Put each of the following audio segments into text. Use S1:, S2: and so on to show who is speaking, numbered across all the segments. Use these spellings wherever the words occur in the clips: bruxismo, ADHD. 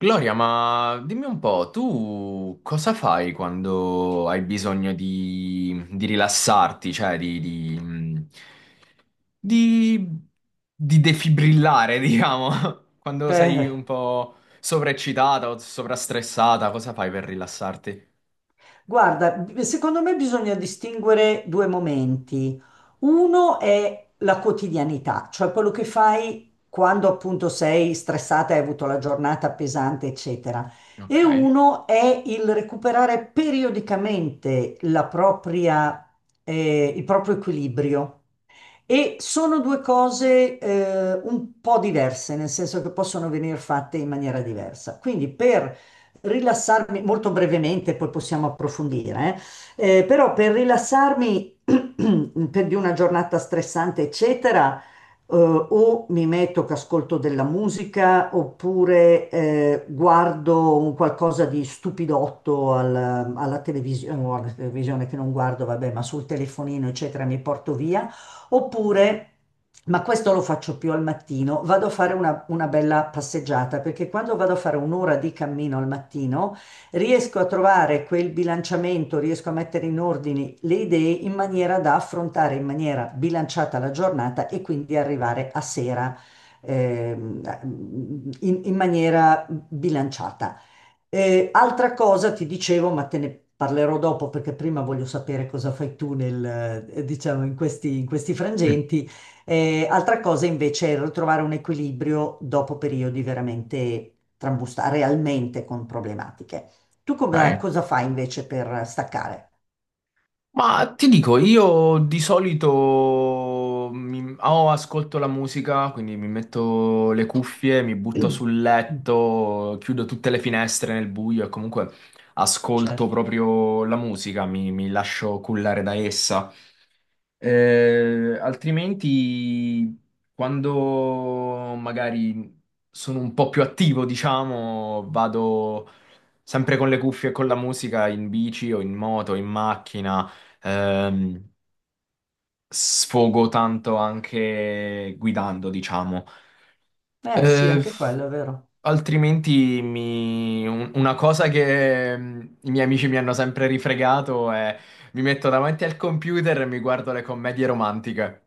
S1: Gloria, ma dimmi un po', tu cosa fai quando hai bisogno di rilassarti, cioè di- di defibrillare, diciamo, quando sei un
S2: Eh,
S1: po' sovraeccitata o sovrastressata, cosa fai per rilassarti?
S2: guarda, secondo me bisogna distinguere due momenti. Uno è la quotidianità, cioè quello che fai quando appunto sei stressata, hai avuto la giornata pesante, eccetera.
S1: Ok,
S2: E uno è il recuperare periodicamente la propria, il proprio equilibrio. E sono due cose un po' diverse, nel senso che possono venire fatte in maniera diversa. Quindi per rilassarmi, molto brevemente, poi possiamo approfondire, però per rilassarmi per di una giornata stressante, eccetera, o mi metto che ascolto della musica oppure guardo un qualcosa di stupidotto alla televisione che non guardo, vabbè, ma sul telefonino, eccetera, mi porto via. Oppure, ma questo lo faccio più al mattino, vado a fare una bella passeggiata, perché quando vado a fare un'ora di cammino al mattino, riesco a trovare quel bilanciamento, riesco a mettere in ordine le idee in maniera da affrontare in maniera bilanciata la giornata e quindi arrivare a sera ehm, in maniera bilanciata. E altra cosa ti dicevo, ma te ne parlerò dopo perché prima voglio sapere cosa fai tu nel, diciamo, in questi frangenti. Altra cosa invece è ritrovare un equilibrio dopo periodi veramente trambusta, realmente con problematiche. Tu
S1: ok.
S2: cosa fai invece per staccare?
S1: Ma ti dico, io di solito o ascolto la musica, quindi mi metto le cuffie, mi butto sul letto, chiudo tutte le finestre nel buio e comunque ascolto
S2: Certo.
S1: proprio la musica, mi lascio cullare da essa. Altrimenti, quando magari sono un po' più attivo, diciamo, vado sempre con le cuffie e con la musica in bici o in moto, in macchina, ehm, sfogo tanto anche guidando, diciamo.
S2: Eh sì,
S1: Eh,
S2: anche quello è vero.
S1: Altrimenti una cosa che i miei amici mi hanno sempre rifregato è mi metto davanti al computer e mi guardo le commedie romantiche.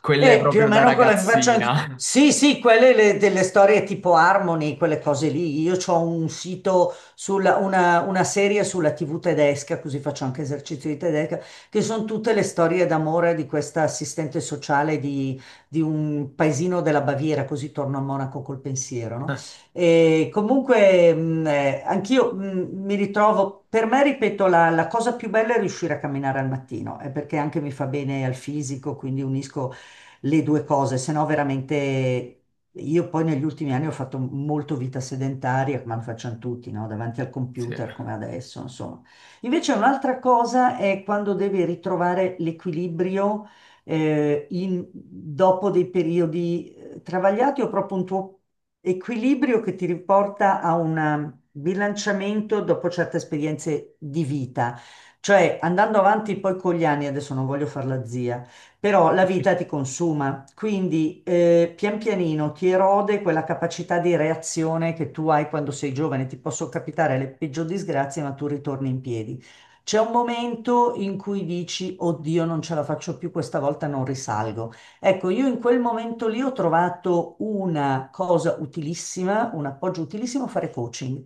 S1: Quelle
S2: E più o
S1: proprio da
S2: meno quello che faccio anche.
S1: ragazzina.
S2: Sì, sì, quelle delle storie tipo Harmony, quelle cose lì. Io ho un sito, una serie sulla TV tedesca, così faccio anche esercizio di tedesca, che sono tutte le storie d'amore di questa assistente sociale di un paesino della Baviera, così torno a Monaco col pensiero, no? E comunque anch'io mi ritrovo, per me, ripeto, la cosa più bella è riuscire a camminare al mattino, è perché anche mi fa bene al fisico, quindi unisco le due cose, se no veramente io poi negli ultimi anni ho fatto molto vita sedentaria, come lo facciano tutti, no? Davanti al
S1: Sì.
S2: computer come adesso, insomma. Invece un'altra cosa è quando devi ritrovare l'equilibrio dopo dei periodi travagliati o proprio un tuo equilibrio che ti riporta a un bilanciamento dopo certe esperienze di vita. Cioè, andando avanti poi con gli anni, adesso non voglio fare la zia, però la vita ti consuma, quindi pian pianino ti erode quella capacità di reazione che tu hai quando sei giovane, ti possono capitare le peggiori disgrazie, ma tu ritorni in piedi. C'è un momento in cui dici, oddio, non ce la faccio più, questa volta non risalgo. Ecco, io in quel momento lì ho trovato una cosa utilissima, un appoggio utilissimo, fare coaching,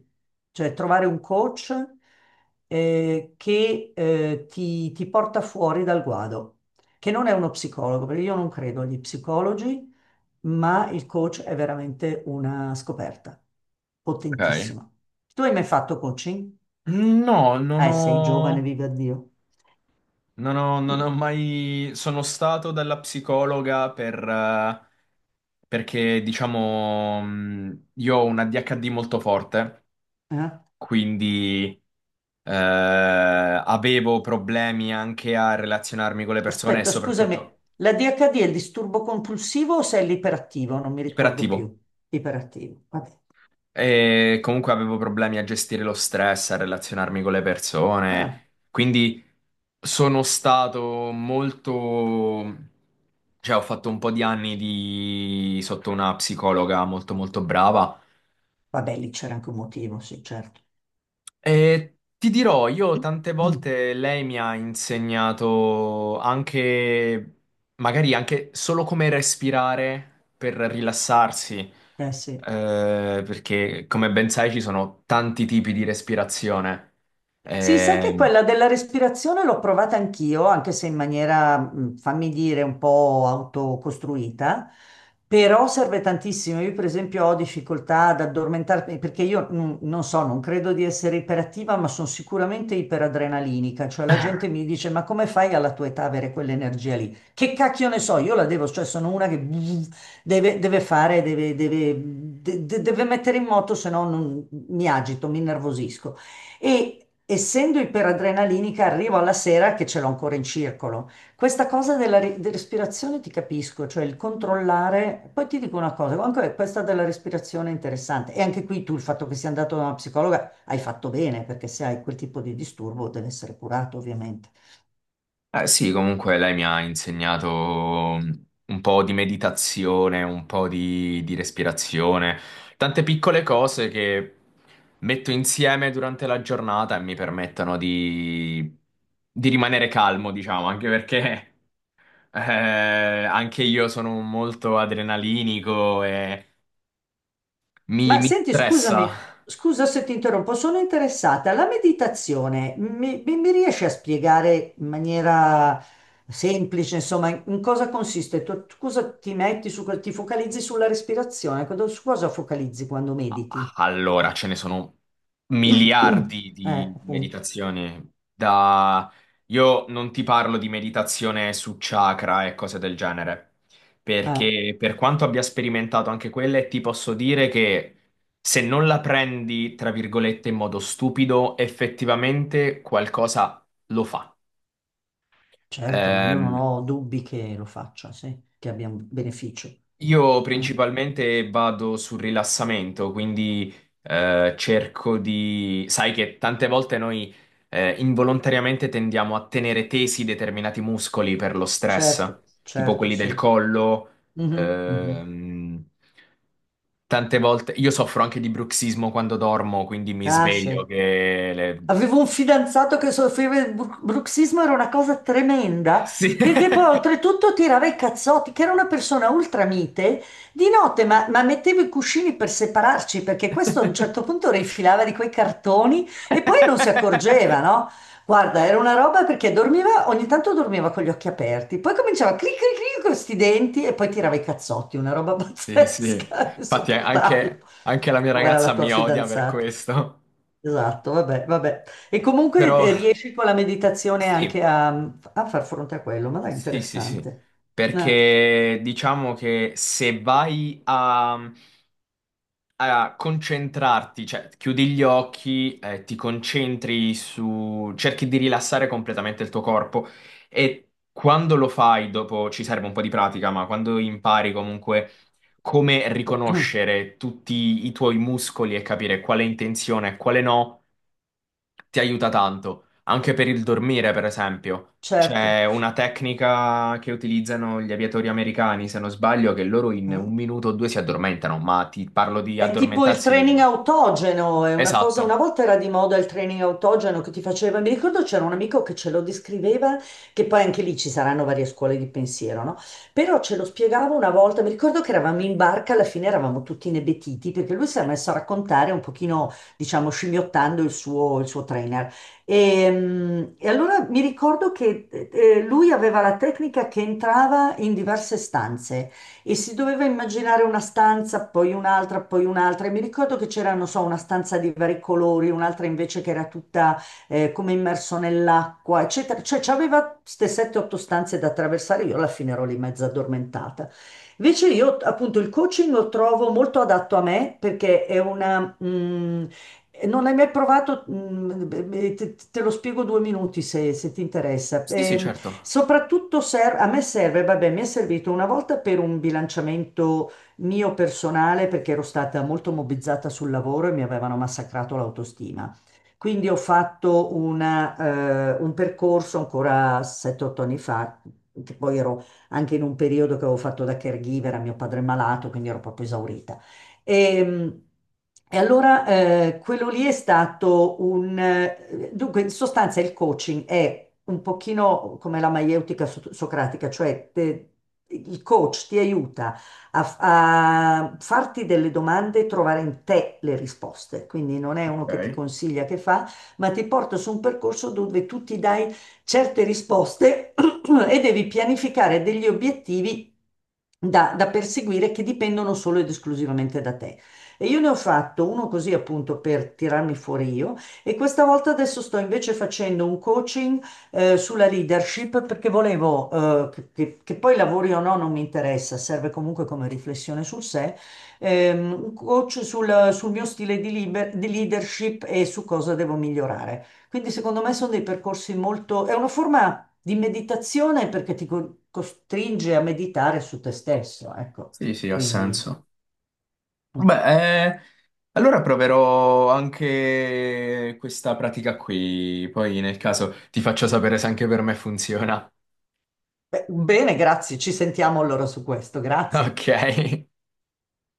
S2: cioè trovare un coach che ti porta fuori dal guado che non è uno psicologo, perché io non credo agli psicologi, ma il coach è veramente una scoperta
S1: Ok.
S2: potentissima. Tu hai mai fatto coaching?
S1: No, non
S2: Ah, sei giovane,
S1: ho,
S2: viva Dio.
S1: non
S2: Mm,
S1: ho mai... Sono stato dalla psicologa per, perché, diciamo, io ho un ADHD molto forte,
S2: eh?
S1: quindi. Avevo problemi anche a relazionarmi con le persone e
S2: Aspetta, scusami,
S1: soprattutto
S2: la DHD è il disturbo compulsivo o se è l'iperattivo? Non mi ricordo più.
S1: iperattivo.
S2: Iperattivo, vabbè.
S1: E comunque avevo problemi a gestire lo stress, a relazionarmi con le persone.
S2: Ah,
S1: Quindi sono stato molto... Cioè, ho fatto un po' di anni di... sotto una psicologa molto molto brava.
S2: vabbè, lì c'era anche un motivo, sì, certo.
S1: Ti dirò, io tante
S2: Mm.
S1: volte lei mi ha insegnato anche, magari anche solo come respirare per rilassarsi,
S2: Eh sì.
S1: perché come ben sai ci sono tanti tipi di respirazione. Certo.
S2: Sì, sai che
S1: Eh,
S2: quella della respirazione l'ho provata anch'io, anche se in maniera, fammi dire, un po' autocostruita, però serve tantissimo. Io, per esempio, ho difficoltà ad addormentarmi perché io non so, non credo di essere iperattiva, ma sono sicuramente iperadrenalinica. Cioè, la gente mi dice: Ma come fai alla tua età a avere quell'energia lì? Che cacchio ne so, io la devo, cioè, sono una che deve, deve fare, deve mettere in moto, se no mi agito, mi innervosisco. E essendo iperadrenalinica, arrivo alla sera che ce l'ho ancora in circolo. Questa cosa della respirazione ti capisco, cioè il controllare. Poi ti dico una cosa, anche questa della respirazione è interessante. E anche qui tu il fatto che sia andato da una psicologa hai fatto bene, perché se hai quel tipo di disturbo deve essere curato, ovviamente.
S1: eh sì, comunque lei mi ha insegnato un po' di meditazione, un po' di respirazione, tante piccole cose che metto insieme durante la giornata e mi permettono di rimanere calmo, diciamo, anche perché eh, anche io sono molto adrenalinico e mi,
S2: Ma
S1: mi
S2: senti, scusami,
S1: stressa.
S2: scusa se ti interrompo, sono interessata. La meditazione mi riesci a spiegare in maniera semplice, insomma, in cosa consiste? Tu cosa ti focalizzi sulla respirazione? Su cosa focalizzi quando mediti?
S1: Allora, ce ne sono miliardi
S2: Eh,
S1: di
S2: appunto.
S1: meditazioni. Da... Io non ti parlo di meditazione su chakra e cose del genere,
S2: Eh,
S1: perché per quanto abbia sperimentato anche quelle, ti posso dire che se non la prendi, tra virgolette, in modo stupido, effettivamente qualcosa lo fa.
S2: certo, ma io non
S1: Ehm,
S2: ho dubbi che lo faccia, sì, che abbia un beneficio.
S1: Io principalmente vado sul rilassamento, quindi cerco di... Sai che tante volte noi involontariamente tendiamo a tenere tesi determinati muscoli per lo stress,
S2: Certo,
S1: tipo
S2: certo,
S1: quelli del
S2: sì.
S1: collo.
S2: Mhm, mhm.
S1: ehm, Tante volte io soffro anche di bruxismo quando dormo, quindi mi
S2: Ah,
S1: sveglio
S2: sì.
S1: che... le-
S2: Avevo un fidanzato che soffriva di bruxismo, era una cosa tremenda,
S1: Sì.
S2: perché poi oltretutto tirava i cazzotti, che era una persona ultramite, di notte, ma mettevo i cuscini per separarci, perché questo a un certo punto rifilava di quei cartoni e poi non si accorgeva, no? Guarda, era una roba perché dormiva, ogni tanto dormiva con gli occhi aperti, poi cominciava a clic clic clic con questi denti e poi tirava i cazzotti, una roba
S1: Sì, sì.
S2: pazzesca,
S1: Infatti
S2: insopportabile.
S1: anche, anche la mia
S2: Povera la
S1: ragazza
S2: tua
S1: mi odia per
S2: fidanzata.
S1: questo.
S2: Esatto, vabbè, vabbè. E comunque
S1: Però
S2: riesci con la meditazione
S1: sì,
S2: anche a, a far fronte a quello, ma dai,
S1: sì, sì, sì.
S2: interessante. Eh,
S1: Perché diciamo che se vai a a concentrarti, cioè chiudi gli occhi, ti concentri su, cerchi di rilassare completamente il tuo corpo e quando lo fai, dopo ci serve un po' di pratica, ma quando impari comunque come riconoscere tutti i tuoi muscoli e capire quale è in tensione e quale no ti aiuta tanto, anche per il dormire, per esempio.
S2: certo.
S1: C'è una tecnica che utilizzano gli aviatori americani, se non sbaglio, che loro in
S2: Eh?
S1: un minuto o due si addormentano, ma ti parlo di
S2: È tipo il training
S1: addormentarsi.
S2: autogeno, è una cosa,
S1: Esatto.
S2: una volta era di moda il training autogeno che ti faceva, mi ricordo c'era un amico che ce lo descriveva, che poi anche lì ci saranno varie scuole di pensiero, no? Però ce lo spiegava una volta, mi ricordo che eravamo in barca, alla fine eravamo tutti inebetiti perché lui si era messo a raccontare un pochino, diciamo, scimmiottando il suo trainer. E allora mi ricordo che lui aveva la tecnica che entrava in diverse stanze e si doveva immaginare una stanza, poi un'altra, poi un'altra. E mi ricordo che c'era, non so, una stanza di vari colori, un'altra invece che era tutta come immerso nell'acqua, eccetera. Cioè, c'aveva queste 7-8 stanze da attraversare, io alla fine ero lì mezza addormentata. Invece io appunto il coaching lo trovo molto adatto a me perché non l'hai mai provato? Mm, beh, beh, te lo spiego 2 minuti se ti interessa.
S1: Sì, sì,
S2: Ehm,
S1: certo.
S2: soprattutto a me serve, vabbè, mi è servito una volta per un bilanciamento mio personale perché ero stata molto mobbizzata sul lavoro e mi avevano massacrato l'autostima. Quindi ho fatto un percorso ancora 7-8 anni fa, che poi ero anche in un periodo che avevo fatto da caregiver a mio padre malato, quindi ero proprio esaurita. Ehm, E, allora quello lì è stato un... Dunque, in sostanza il coaching è un pochino come la maieutica socratica, cioè il coach ti aiuta a farti delle domande e trovare in te le risposte. Quindi non è uno che ti
S1: Ok,
S2: consiglia che fa, ma ti porta su un percorso dove tu ti dai certe risposte e devi pianificare degli obiettivi da perseguire che dipendono solo ed esclusivamente da te. E io ne ho fatto uno così appunto per tirarmi fuori io e questa volta adesso sto invece facendo un coaching sulla leadership perché volevo che poi lavori o no non mi interessa, serve comunque come riflessione sul sé, un coach sul mio stile di leadership e su cosa devo migliorare. Quindi secondo me sono dei percorsi molto. È una forma di meditazione perché ti costringe a meditare su te stesso, ecco.
S1: sì, sì, ha
S2: Quindi,
S1: senso. Beh, allora proverò anche questa pratica qui, poi nel caso ti faccio sapere se anche per me funziona.
S2: beh, bene, grazie, ci sentiamo allora su questo, grazie.
S1: Ok.